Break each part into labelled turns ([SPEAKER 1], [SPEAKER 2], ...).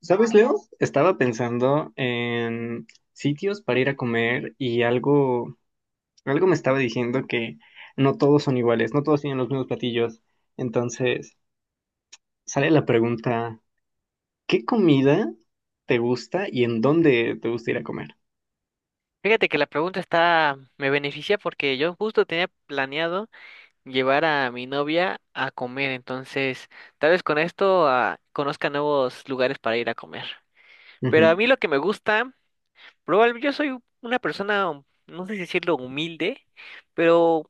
[SPEAKER 1] ¿Sabes, Leo? Estaba pensando en sitios para ir a comer y algo me estaba diciendo que no todos son iguales, no todos tienen los mismos platillos. Entonces, sale la pregunta, ¿qué comida te gusta y en dónde te gusta ir a comer?
[SPEAKER 2] Fíjate que la pregunta está, me beneficia porque yo justo tenía planeado llevar a mi novia a comer, entonces tal vez con esto conozca nuevos lugares para ir a comer. Pero
[SPEAKER 1] Ujú,
[SPEAKER 2] a mí lo que me gusta, probablemente yo soy una persona, no sé si decirlo humilde, pero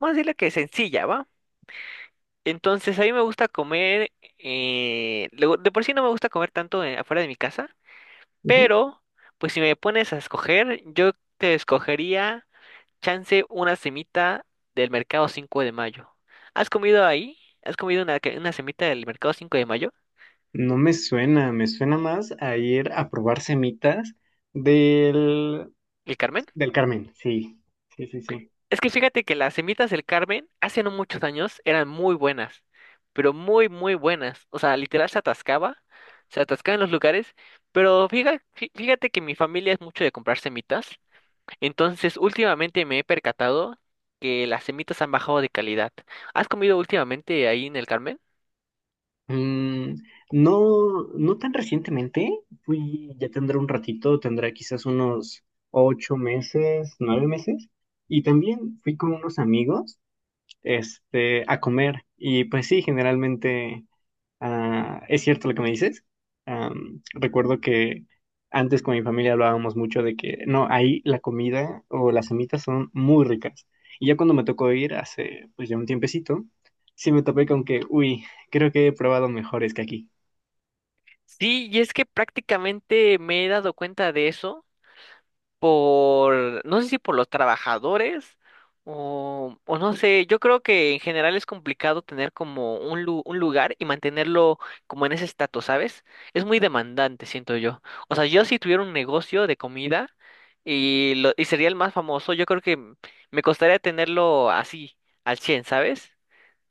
[SPEAKER 2] vamos a decirle que sencilla, ¿va? Entonces a mí me gusta comer, luego, de por sí no me gusta comer tanto afuera de mi casa,
[SPEAKER 1] ujú.
[SPEAKER 2] pero pues si me pones a escoger, yo te escogería Chance una semita del mercado 5 de mayo. ¿Has comido ahí? ¿Has comido una, una semita del mercado 5 de mayo?
[SPEAKER 1] No me suena, me suena más a ir a probar semitas del,
[SPEAKER 2] ¿El Carmen?
[SPEAKER 1] del Carmen. Sí, sí, sí, sí.
[SPEAKER 2] Es que fíjate que las semitas del Carmen hace no muchos años eran muy buenas, pero muy, muy buenas. O sea, literal se atascaba en los lugares, pero fíjate, fíjate que mi familia es mucho de comprar semitas, entonces últimamente me he percatado que las semitas han bajado de calidad. ¿Has comido últimamente ahí en el Carmen?
[SPEAKER 1] Mm, no, no tan recientemente, fui, ya tendrá un ratito, tendrá quizás unos 8 meses, 9 meses, y también fui con unos amigos, este, a comer, y pues sí, generalmente. Ah, es cierto lo que me dices. Recuerdo que antes con mi familia hablábamos mucho de que no, ahí la comida o las semitas son muy ricas. Y ya cuando me tocó ir hace pues ya un tiempecito, sí me topé con que, uy, creo que he probado mejores que aquí.
[SPEAKER 2] Sí, y es que prácticamente me he dado cuenta de eso por, no sé si por los trabajadores o no sé, yo creo que en general es complicado tener como un, un lugar y mantenerlo como en ese estatus, ¿sabes? Es muy demandante, siento yo. O sea, yo si tuviera un negocio de comida y, lo, y sería el más famoso, yo creo que me costaría tenerlo así, al 100, ¿sabes?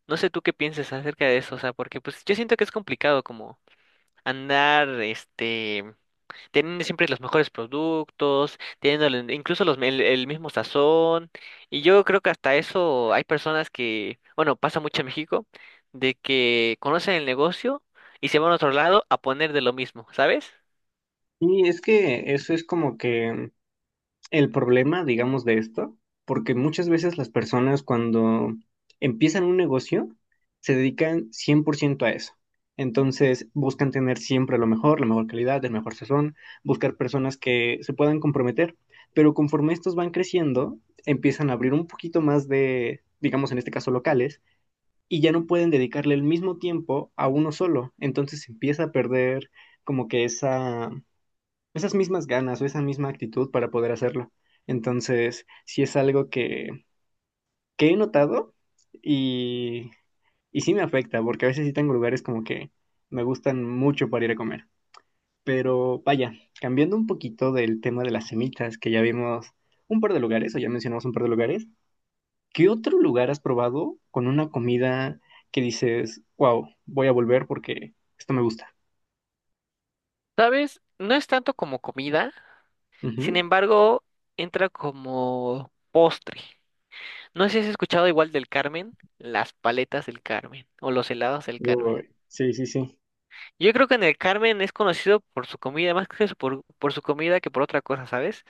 [SPEAKER 2] No sé tú qué piensas acerca de eso, o sea, porque pues yo siento que es complicado andar, este, teniendo siempre los mejores productos, teniendo incluso los, el mismo sazón. Y yo creo que hasta eso hay personas que, bueno, pasa mucho en México, de que conocen el negocio y se van a otro lado a poner de lo mismo, ¿sabes?
[SPEAKER 1] Y es que eso es como que el problema, digamos, de esto, porque muchas veces las personas cuando empiezan un negocio se dedican 100% a eso. Entonces buscan tener siempre lo mejor, la mejor calidad, el mejor sazón, buscar personas que se puedan comprometer. Pero conforme estos van creciendo, empiezan a abrir un poquito más de, digamos en este caso, locales, y ya no pueden dedicarle el mismo tiempo a uno solo. Entonces se empieza a perder como que esas mismas ganas o esa misma actitud para poder hacerlo. Entonces, sí es algo que he notado y, y sí me afecta, porque a veces sí tengo lugares como que me gustan mucho para ir a comer. Pero vaya, cambiando un poquito del tema de las semitas, que ya vimos un par de lugares, o ya mencionamos un par de lugares, ¿qué otro lugar has probado con una comida que dices, wow, voy a volver porque esto me gusta?
[SPEAKER 2] ¿Sabes? No es tanto como comida, sin
[SPEAKER 1] Ujú.
[SPEAKER 2] embargo, entra como postre. No sé si has escuchado igual del Carmen, las paletas del Carmen o los helados del Carmen.
[SPEAKER 1] Uy, sí, sí, sí.
[SPEAKER 2] Yo creo que en el Carmen es conocido por su comida, más que eso, por su comida que por otra cosa, ¿sabes?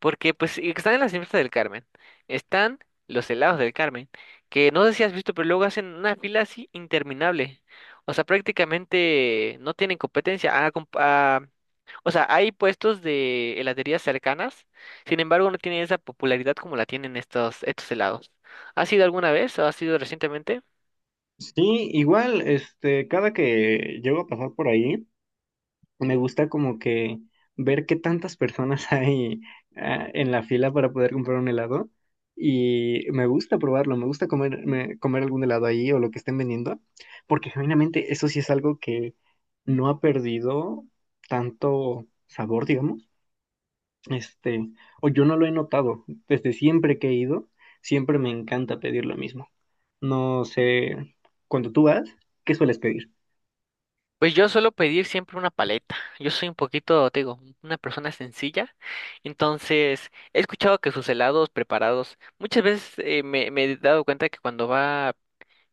[SPEAKER 2] Porque pues y están en las fiestas del Carmen, están los helados del Carmen, que no sé si has visto, pero luego hacen una fila así interminable. O sea, prácticamente no tienen competencia. O sea, hay puestos de heladerías cercanas, sin embargo no tienen esa popularidad como la tienen estos helados. ¿Has ido alguna vez o has ido recientemente?
[SPEAKER 1] Sí, igual, este, cada que llego a pasar por ahí, me gusta como que ver qué tantas personas hay en la fila para poder comprar un helado y me gusta probarlo, me gusta comer, comer algún helado ahí o lo que estén vendiendo, porque genuinamente eso sí es algo que no ha perdido tanto sabor, digamos. Este, o yo no lo he notado. Desde siempre que he ido, siempre me encanta pedir lo mismo. No sé, cuando tú vas, ¿qué sueles pedir?
[SPEAKER 2] Pues yo suelo pedir siempre una paleta. Yo soy un poquito, te digo, una persona sencilla. Entonces, he escuchado que sus helados preparados, muchas veces me he dado cuenta que cuando va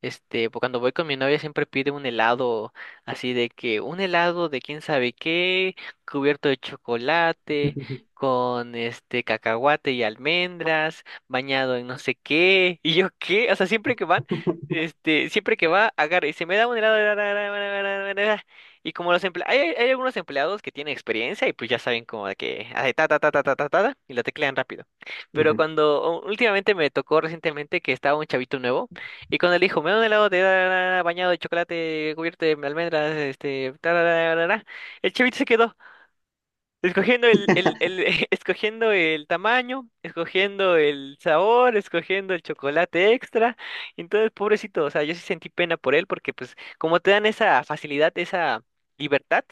[SPEAKER 2] este, pues, cuando voy con mi novia siempre pide un helado así de que un helado de quién sabe qué, cubierto de chocolate, con este cacahuate y almendras, bañado en no sé qué, y yo qué, o sea, siempre que van, este, siempre que va, agarra y se me da un helado ra, ra, ra, ra, ra, ra, ra, y como los empleados, hay, hay algunos empleados que tienen experiencia y pues ya saben como de que hace ta ta ta ta ta ta ta ta, y lo teclean rápido. Pero
[SPEAKER 1] Ujú.
[SPEAKER 2] cuando últimamente me tocó recientemente que estaba un chavito nuevo y con el hijo, me da un helado de tararara, bañado de chocolate cubierto de almendras, este, tararara. El chavito se quedó escogiendo el escogiendo el tamaño, escogiendo el sabor, escogiendo el chocolate extra. Entonces, pobrecito, o sea, yo sí sentí pena por él porque pues como te dan esa facilidad, esa libertad,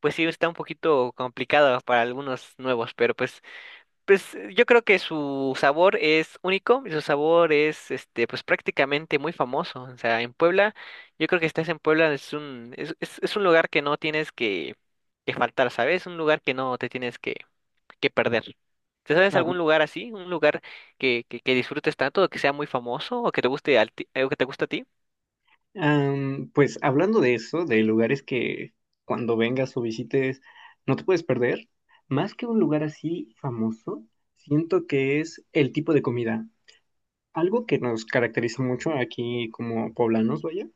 [SPEAKER 2] pues sí está un poquito complicado para algunos nuevos, pero pues yo creo que su sabor es único y su sabor es este pues prácticamente muy famoso. O sea, en Puebla, yo creo que estás en Puebla, es un, es un lugar que no tienes que faltar, ¿sabes? Un lugar que no te tienes que perder. ¿Te sabes algún
[SPEAKER 1] Hab-
[SPEAKER 2] lugar así? ¿Un lugar que disfrutes tanto, o que sea muy famoso, o que te guste o que te gusta a ti?
[SPEAKER 1] pues hablando de eso, de lugares que cuando vengas o visites no te puedes perder, más que un lugar así famoso, siento que es el tipo de comida. Algo que nos caracteriza mucho aquí como poblanos, vaya,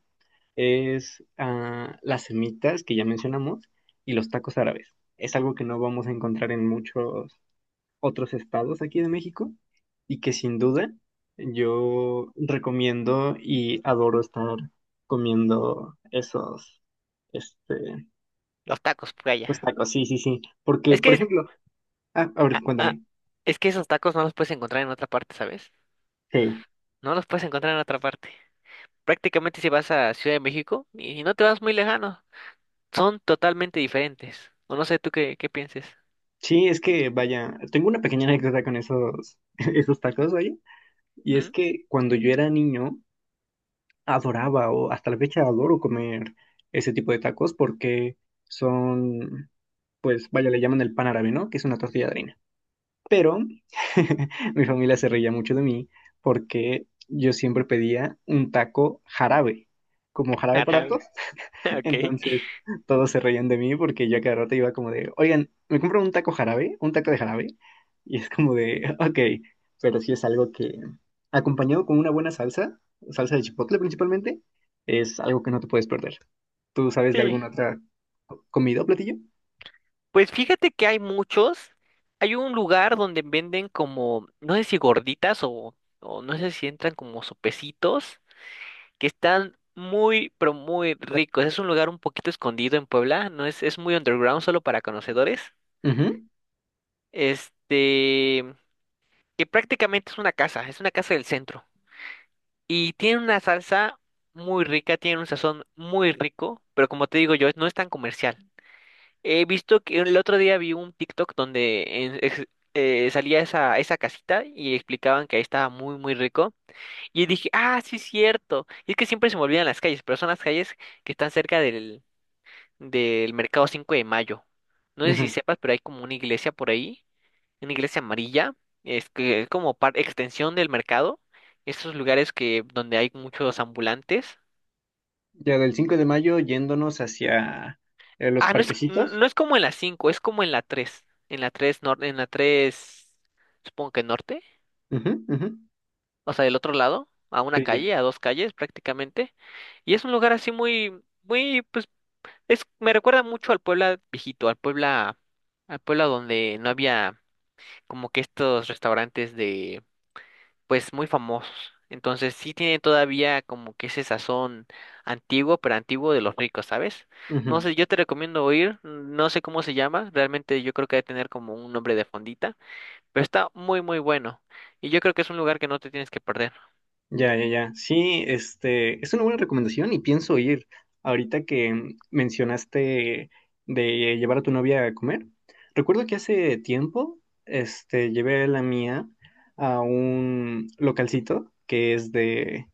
[SPEAKER 1] es las semitas que ya mencionamos y los tacos árabes. Es algo que no vamos a encontrar en muchos otros estados aquí de México y que sin duda yo recomiendo y adoro estar comiendo esos, este,
[SPEAKER 2] Los tacos,
[SPEAKER 1] pues
[SPEAKER 2] playa.
[SPEAKER 1] tacos, sí, sí, sí. Porque,
[SPEAKER 2] Es
[SPEAKER 1] por
[SPEAKER 2] que es,
[SPEAKER 1] ejemplo, a
[SPEAKER 2] ah,
[SPEAKER 1] ver,
[SPEAKER 2] ah,
[SPEAKER 1] cuéntame.
[SPEAKER 2] Es que esos tacos no los puedes encontrar en otra parte, ¿sabes?
[SPEAKER 1] Sí,
[SPEAKER 2] No los puedes encontrar en otra parte. Prácticamente si vas a Ciudad de México y no te vas muy lejano, son totalmente diferentes. O no sé tú qué, qué pienses.
[SPEAKER 1] sí, es que vaya, tengo una pequeña anécdota con esos, esos tacos, vaya. Y es
[SPEAKER 2] ¿Mm?
[SPEAKER 1] que cuando yo era niño, adoraba o hasta la fecha adoro comer ese tipo de tacos porque son, pues vaya, le llaman el pan árabe, ¿no? Que es una tortilla de harina. Pero mi familia se reía mucho de mí porque yo siempre pedía un taco jarabe, como jarabe para.
[SPEAKER 2] Árabe. Ok.
[SPEAKER 1] Entonces todos se reían de mí porque yo a cada rato iba como de, oigan, me compro un taco jarabe, un taco de jarabe. Y es como de, ok, pero sí es algo que, acompañado con una buena salsa, salsa de chipotle principalmente, es algo que no te puedes perder. ¿Tú sabes de
[SPEAKER 2] Sí.
[SPEAKER 1] alguna otra comida o platillo?
[SPEAKER 2] Pues fíjate que hay muchos. Hay un lugar donde venden como, no sé si gorditas o no sé si entran como sopecitos, que están muy, pero muy ricos. Es un lugar un poquito escondido en Puebla, no es, es muy underground, solo para conocedores.
[SPEAKER 1] Ujú,
[SPEAKER 2] Este, que prácticamente es una casa del centro. Y tiene una salsa muy rica, tiene un sazón muy rico, pero como te digo yo, no es tan comercial. He visto que el otro día vi un TikTok donde salía esa, esa casita y explicaban que ahí estaba muy, muy rico. Y dije, ah, sí, es cierto. Y es que siempre se me olvidan las calles, pero son las calles que están cerca del mercado 5 de mayo. No sé si
[SPEAKER 1] ujú.
[SPEAKER 2] sepas, pero hay como una iglesia por ahí una iglesia amarilla, es que es como extensión del mercado, esos lugares que donde hay muchos ambulantes.
[SPEAKER 1] Ya del 5 de mayo yéndonos hacia los
[SPEAKER 2] Ah,
[SPEAKER 1] parquecitos.
[SPEAKER 2] no es como en la cinco, es como en la tres, en la 3 norte, en la 3 supongo que norte,
[SPEAKER 1] Ujú, ujú.
[SPEAKER 2] o sea, del otro lado, a una
[SPEAKER 1] Sí, ya.
[SPEAKER 2] calle, a dos calles prácticamente, y es un lugar así muy muy pues es me recuerda mucho al Puebla viejito, al Puebla donde no había como que estos restaurantes de pues muy famosos. Entonces sí tiene todavía como que ese sazón antiguo, pero antiguo de los ricos, ¿sabes? No
[SPEAKER 1] Ujú.
[SPEAKER 2] sé, yo te recomiendo ir, no sé cómo se llama, realmente yo creo que debe tener como un nombre de fondita, pero está muy muy bueno y yo creo que es un lugar que no te tienes que perder.
[SPEAKER 1] Ya, ya, ya. Sí, este, es una buena recomendación y pienso ir. Ahorita que mencionaste de llevar a tu novia a comer, recuerdo que hace tiempo, este, llevé a la mía a un localcito que es de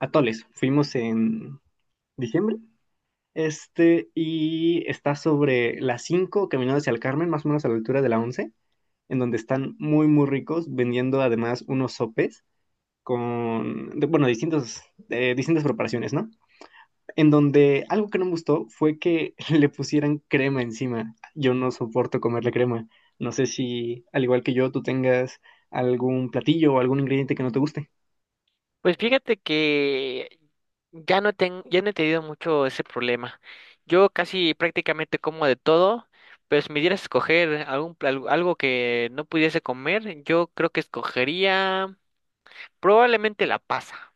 [SPEAKER 1] atoles. Fuimos en diciembre, este, y está sobre las 5, caminando hacia el Carmen, más o menos a la altura de la 11, en donde están muy, muy ricos, vendiendo además unos sopes con, bueno, distintos, distintas preparaciones, ¿no? En donde algo que no me gustó fue que le pusieran crema encima. Yo no soporto comerle crema. No sé si, al igual que yo, tú tengas algún platillo o algún ingrediente que no te guste.
[SPEAKER 2] Pues fíjate que ya no he tenido mucho ese problema. Yo casi prácticamente como de todo, pero si me dieras a escoger algo que no pudiese comer, yo creo que escogería probablemente la pasa.